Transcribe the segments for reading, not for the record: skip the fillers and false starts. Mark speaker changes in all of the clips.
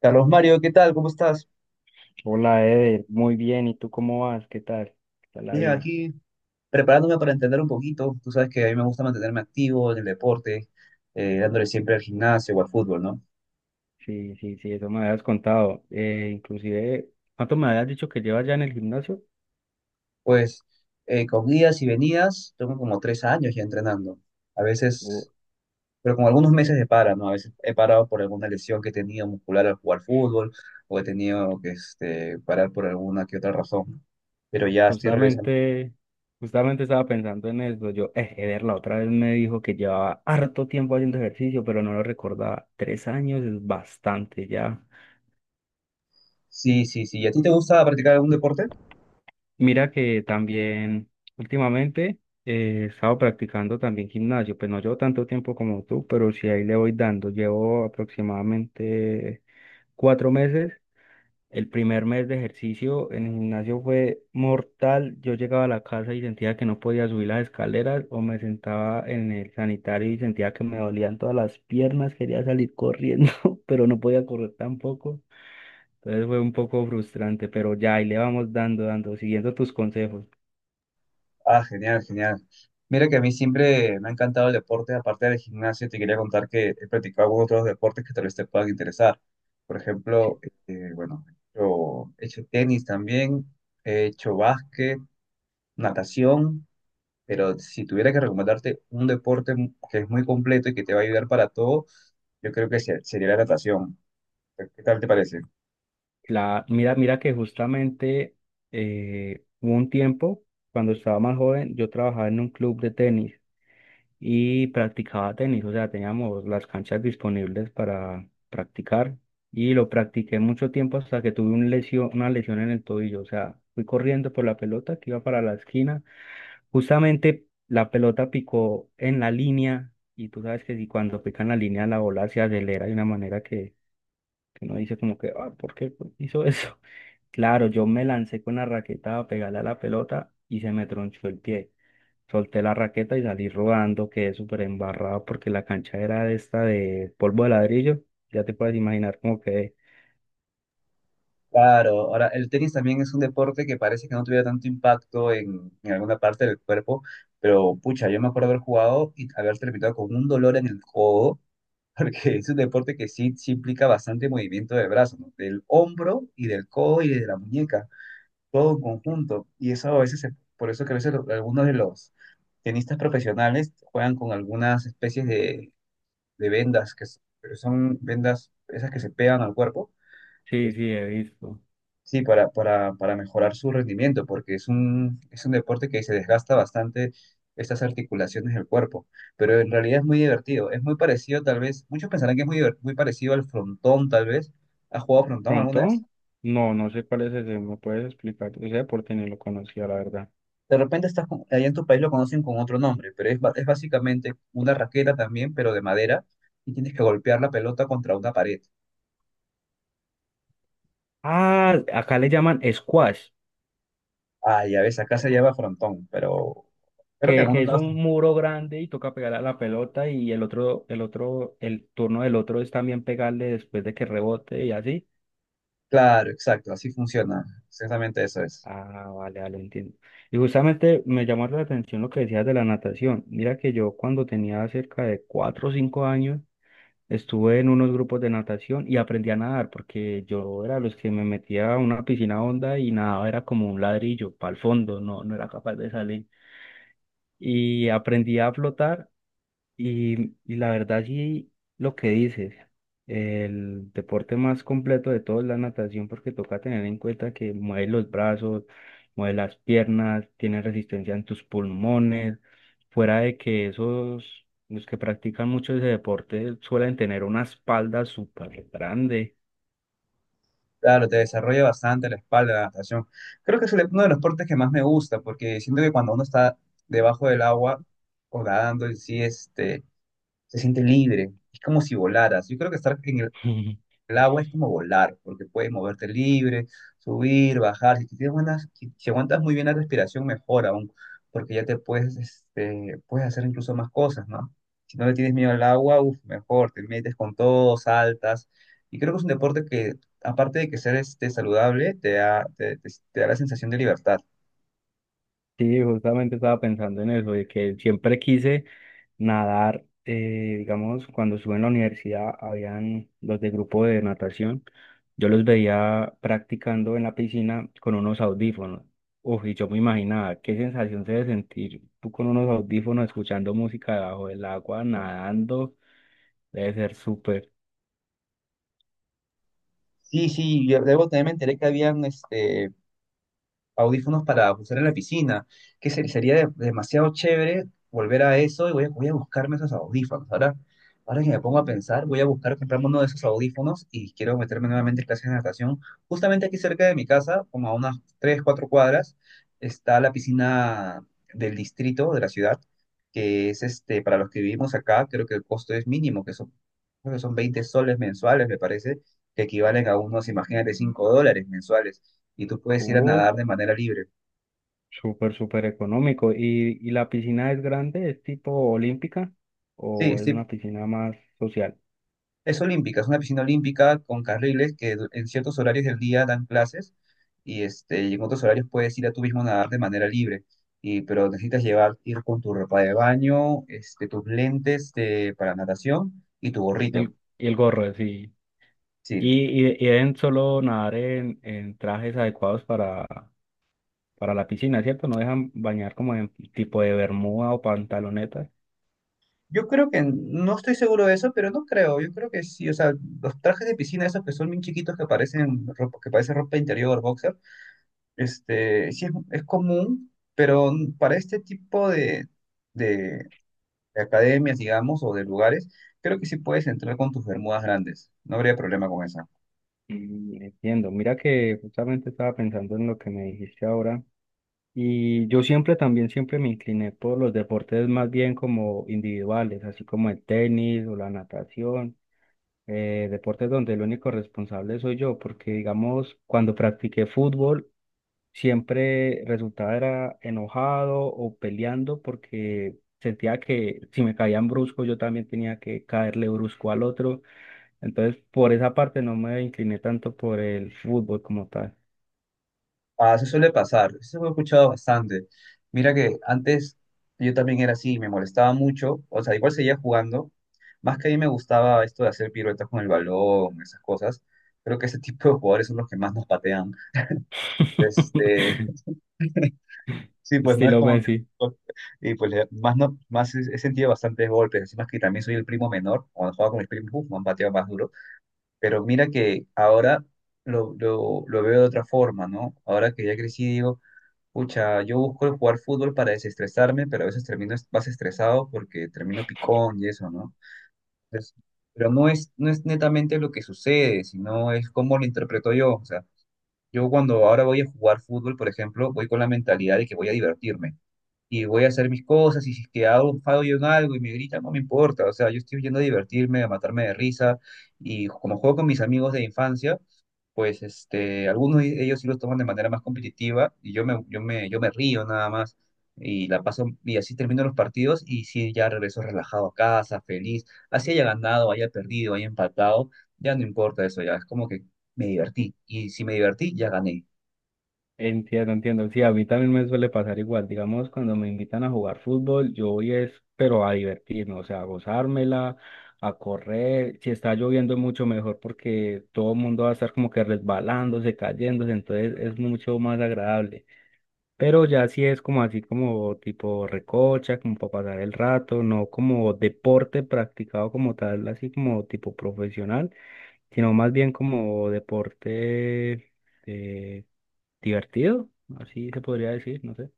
Speaker 1: Carlos Mario, ¿qué tal? ¿Cómo estás?
Speaker 2: Hola, Eder, muy bien. ¿Y tú cómo vas? ¿Qué tal? ¿Qué tal la
Speaker 1: Bien,
Speaker 2: vida?
Speaker 1: aquí preparándome para entender un poquito. Tú sabes que a mí me gusta mantenerme activo en el deporte, dándole siempre al gimnasio o al fútbol, ¿no?
Speaker 2: Sí, sí, sí, eso me habías contado. Inclusive, ¿cuánto me habías dicho que llevas ya en el gimnasio?
Speaker 1: Pues con idas y venidas, tengo como 3 años ya entrenando. A
Speaker 2: Oh,
Speaker 1: veces, pero con algunos meses de para, ¿no? A veces he parado por alguna lesión que he tenido muscular al jugar fútbol o he tenido que parar por alguna que otra razón, ¿no? Pero ya estoy regresando.
Speaker 2: justamente, justamente estaba pensando en eso. Eder la otra vez me dijo que llevaba harto tiempo haciendo ejercicio, pero no lo recordaba. 3 años es bastante ya.
Speaker 1: Sí, sí, sí. ¿Y a ti te gusta practicar algún deporte?
Speaker 2: Mira que también últimamente he estado practicando también gimnasio, pues no llevo tanto tiempo como tú, pero sí ahí le voy dando. Llevo aproximadamente 4 meses. El primer mes de ejercicio en el gimnasio fue mortal. Yo llegaba a la casa y sentía que no podía subir las escaleras o me sentaba en el sanitario y sentía que me dolían todas las piernas. Quería salir corriendo, pero no podía correr tampoco. Entonces fue un poco frustrante, pero ya ahí le vamos dando, siguiendo tus consejos.
Speaker 1: Ah, genial, genial. Mira que a mí siempre me ha encantado el deporte, aparte del gimnasio, te quería contar que he practicado algunos otros deportes que tal vez te puedan interesar. Por ejemplo,
Speaker 2: Sí.
Speaker 1: bueno, yo he hecho tenis también, he hecho básquet, natación, pero si tuviera que recomendarte un deporte que es muy completo y que te va a ayudar para todo, yo creo que sería la natación. ¿Qué tal te parece?
Speaker 2: Mira que justamente hubo un tiempo, cuando estaba más joven, yo trabajaba en un club de tenis y practicaba tenis, o sea, teníamos las canchas disponibles para practicar y lo practiqué mucho tiempo hasta que tuve un lesión, una lesión en el tobillo, o sea, fui corriendo por la pelota que iba para la esquina, justamente la pelota picó en la línea y tú sabes que si cuando pica en la línea la bola se acelera de una manera que uno dice como que, ah, ¿por qué hizo eso? Claro, yo me lancé con la raqueta a pegarle a la pelota y se me tronchó el pie. Solté la raqueta y salí rodando, quedé súper embarrado porque la cancha era de esta de polvo de ladrillo. Ya te puedes imaginar cómo quedé.
Speaker 1: Claro, ahora el tenis también es un deporte que parece que no tuviera tanto impacto en alguna parte del cuerpo, pero pucha, yo me acuerdo haber jugado y haber terminado con un dolor en el codo, porque es un deporte que sí, sí implica bastante movimiento del brazo, ¿no? Del hombro y del codo y de la muñeca, todo en conjunto. Y eso a veces, por eso que a veces algunos de los tenistas profesionales juegan con algunas especies de vendas, que son vendas esas que se pegan al cuerpo.
Speaker 2: Sí, sí, he visto.
Speaker 1: Sí, para mejorar su rendimiento, porque es un deporte que se desgasta bastante estas articulaciones del cuerpo, pero en realidad es muy divertido, es muy parecido tal vez, muchos pensarán que es muy, muy parecido al frontón tal vez, ¿has jugado frontón alguna vez?
Speaker 2: ¿Frontón? No, no sé cuál es ese, ¿me puedes explicar? Ese deporte ni lo conocía, la verdad.
Speaker 1: De repente allá en tu país lo conocen con otro nombre, pero es, es básicamente una raqueta también, pero de madera, y tienes que golpear la pelota contra una pared.
Speaker 2: Ah, acá le llaman squash,
Speaker 1: Ah, ya ves, acá se llama frontón, pero creo que en
Speaker 2: que
Speaker 1: algunos
Speaker 2: es
Speaker 1: lados
Speaker 2: un
Speaker 1: también.
Speaker 2: muro grande y toca pegarle a la pelota y el otro, el otro, el turno del otro es también pegarle después de que rebote y así.
Speaker 1: Claro, exacto, así funciona, exactamente eso es.
Speaker 2: Ah, vale, vale, entiendo. Y justamente me llamó la atención lo que decías de la natación. Mira que yo cuando tenía cerca de 4 o 5 años estuve en unos grupos de natación y aprendí a nadar porque yo era los que me metía a una piscina honda y nadaba era como un ladrillo para el fondo, no, no era capaz de salir. Y aprendí a flotar y la verdad sí, lo que dices, el deporte más completo de todos es la natación porque toca tener en cuenta que mueves los brazos, mueves las piernas, tienes resistencia en tus pulmones, fuera de que esos, los que practican mucho ese deporte suelen tener una espalda súper grande.
Speaker 1: Claro, te desarrolla bastante la espalda, la natación. Creo que uno de los deportes que más me gusta, porque siento que cuando uno está debajo del agua o nadando en sí, se siente libre. Es como si volaras. Yo creo que estar en el agua es como volar, porque puedes moverte libre, subir, bajar. Si, tienes buenas, si aguantas muy bien la respiración, mejor aún, porque ya te puedes, puedes hacer incluso más cosas, ¿no? Si no le tienes miedo al agua, uf, mejor, te metes con todo, saltas. Y creo que es un deporte que, aparte de que ser saludable, te da, te, te da la sensación de libertad.
Speaker 2: Sí, justamente estaba pensando en eso, de que siempre quise nadar, digamos, cuando estuve en la universidad, habían los de grupo de natación, yo los veía practicando en la piscina con unos audífonos. Uf, y yo me imaginaba qué sensación se debe sentir tú con unos audífonos escuchando música debajo del agua, nadando, debe ser súper,
Speaker 1: Sí, sí, yo debo también me enteré que habían audífonos para usar en la piscina, que sería demasiado chévere volver a eso y voy a, voy a buscarme esos audífonos. Ahora, ahora que me pongo a pensar, voy a buscar comprarme uno de esos audífonos y quiero meterme nuevamente en clases de natación. Justamente aquí cerca de mi casa, como a unas 3, 4 cuadras, está la piscina del distrito de la ciudad, que es para los que vivimos acá, creo que el costo es mínimo, que son, creo que son 20 soles mensuales, me parece, que equivalen a unos, imagínate, 5 dólares mensuales y tú puedes ir a nadar
Speaker 2: uf,
Speaker 1: de manera libre.
Speaker 2: súper, súper económico. Y la piscina es grande, es tipo olímpica
Speaker 1: Sí,
Speaker 2: o es
Speaker 1: sí,
Speaker 2: una piscina más social?
Speaker 1: es olímpica, es una piscina olímpica con carriles que en ciertos horarios del día dan clases y, y en otros horarios puedes ir a tú mismo a nadar de manera libre. Y, pero necesitas llevar, ir con tu ropa de baño, tus lentes para natación y tu gorrito.
Speaker 2: Y el gorro, sí.
Speaker 1: Sí,
Speaker 2: Y, y deben solo nadar en trajes adecuados para la piscina, ¿cierto? No dejan bañar como en tipo de bermuda o pantalonetas.
Speaker 1: yo creo que no estoy seguro de eso, pero no creo. Yo creo que sí, o sea, los trajes de piscina, esos que son bien chiquitos que parecen ropa interior, boxer. Sí, es común, pero para este tipo de, de- de academias, digamos, o de lugares, creo que sí puedes entrar con tus bermudas grandes. No habría problema con esa.
Speaker 2: Mm, entiendo. Mira que justamente estaba pensando en lo que me dijiste ahora. Y yo siempre también, siempre me incliné por los deportes más bien como individuales, así como el tenis o la natación. Deportes donde el único responsable soy yo, porque digamos, cuando practiqué fútbol, siempre resultaba era enojado o peleando porque sentía que si me caían brusco yo también tenía que caerle brusco al otro. Entonces, por esa parte no me incliné tanto por el fútbol como tal.
Speaker 1: Ah, eso suele pasar, eso lo he escuchado bastante. Mira que antes yo también era así, me molestaba mucho, o sea, igual seguía jugando, más que a mí me gustaba esto de hacer piruetas con el balón, esas cosas. Creo que ese tipo de jugadores son los que más nos patean. Este, Sí, pues no es
Speaker 2: Estilo
Speaker 1: como que...
Speaker 2: Messi.
Speaker 1: pues, y pues más, no, más he sentido bastantes golpes, encima que también soy el primo menor, cuando jugaba con mis primos, uf, me han pateado más duro, pero mira que ahora lo veo de otra forma, ¿no? Ahora que ya crecí digo, pucha, yo busco el jugar fútbol para desestresarme, pero a veces termino más estresado porque termino picón y eso, ¿no? Entonces, pero no es, no es netamente lo que sucede, sino es cómo lo interpreto yo, o sea, yo cuando ahora voy a jugar fútbol, por ejemplo, voy con la mentalidad de que voy a divertirme y voy a hacer mis cosas, y si es que hago un fallo en algo y me gritan, no me importa, o sea, yo estoy yendo a divertirme, a matarme de risa, y como juego con mis amigos de infancia, pues algunos de ellos sí los toman de manera más competitiva, y yo me río nada más, y la paso, y así termino los partidos, y sí, ya regreso relajado a casa, feliz, así haya ganado, haya perdido, haya empatado, ya no importa eso, ya es como que me divertí, y si me divertí, ya gané.
Speaker 2: Entiendo, entiendo. Sí, a mí también me suele pasar igual. Digamos, cuando me invitan a jugar fútbol, yo voy es, pero a divertirme, o sea, a gozármela, a correr. Si está lloviendo, mucho mejor porque todo el mundo va a estar como que resbalándose, cayéndose, entonces es mucho más agradable. Pero ya si es como así, como tipo recocha, como para pasar el rato, no como deporte practicado como tal, así como tipo profesional, sino más bien como deporte. eh, divertido, así se podría decir, no sé.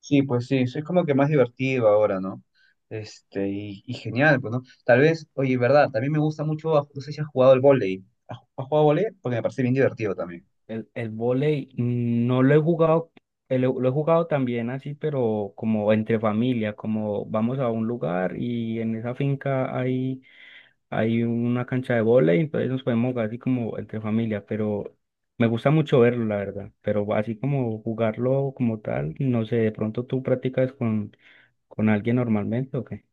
Speaker 1: Sí, pues sí, sí, es como que más divertido ahora, ¿no? Y, y genial, pues, ¿no? Tal vez, oye, verdad, también me gusta mucho, ah, no sé si has jugado el vóley. ¿ has jugado vóley? Porque me parece bien divertido también.
Speaker 2: El vóley, no lo he jugado, lo he jugado también así, pero como entre familia, como vamos a un lugar y en esa finca hay, hay una cancha de vóley, entonces nos podemos jugar así como entre familia, pero me gusta mucho verlo, la verdad, pero así como jugarlo como tal, no sé, de pronto tú practicas con alguien normalmente o qué.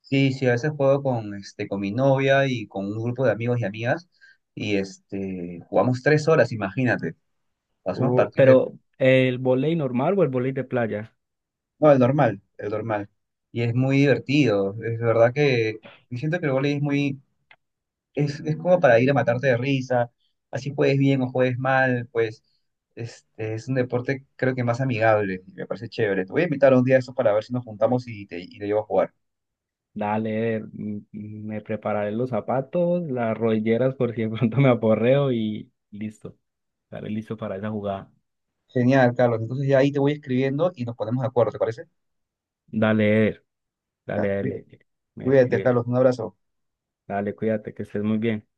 Speaker 1: Sí, sí, a veces juego con, con mi novia y con un grupo de amigos y amigas, y jugamos 3 horas, imagínate. Hacemos
Speaker 2: Uy,
Speaker 1: partidos de...
Speaker 2: pero el vóley normal o el vóley de playa.
Speaker 1: No, el normal, el normal. Y es muy divertido, es verdad que... Yo siento que el vóley es muy, es como para ir a matarte de risa, así juegues bien o juegues mal, pues es un deporte creo que más amigable, y me parece chévere. Te voy a invitar un día a eso para ver si nos juntamos y y te llevo a jugar.
Speaker 2: Dale, me prepararé los zapatos, las rodilleras por si de pronto me aporreo y listo. Estaré listo para esa jugada.
Speaker 1: Genial, Carlos. Entonces ya ahí te voy escribiendo y nos ponemos de acuerdo, ¿te parece?
Speaker 2: Dale, Eder, dale,
Speaker 1: Ya,
Speaker 2: dale, me
Speaker 1: cuídate,
Speaker 2: escribes.
Speaker 1: Carlos. Un abrazo.
Speaker 2: Dale, cuídate, que estés muy bien.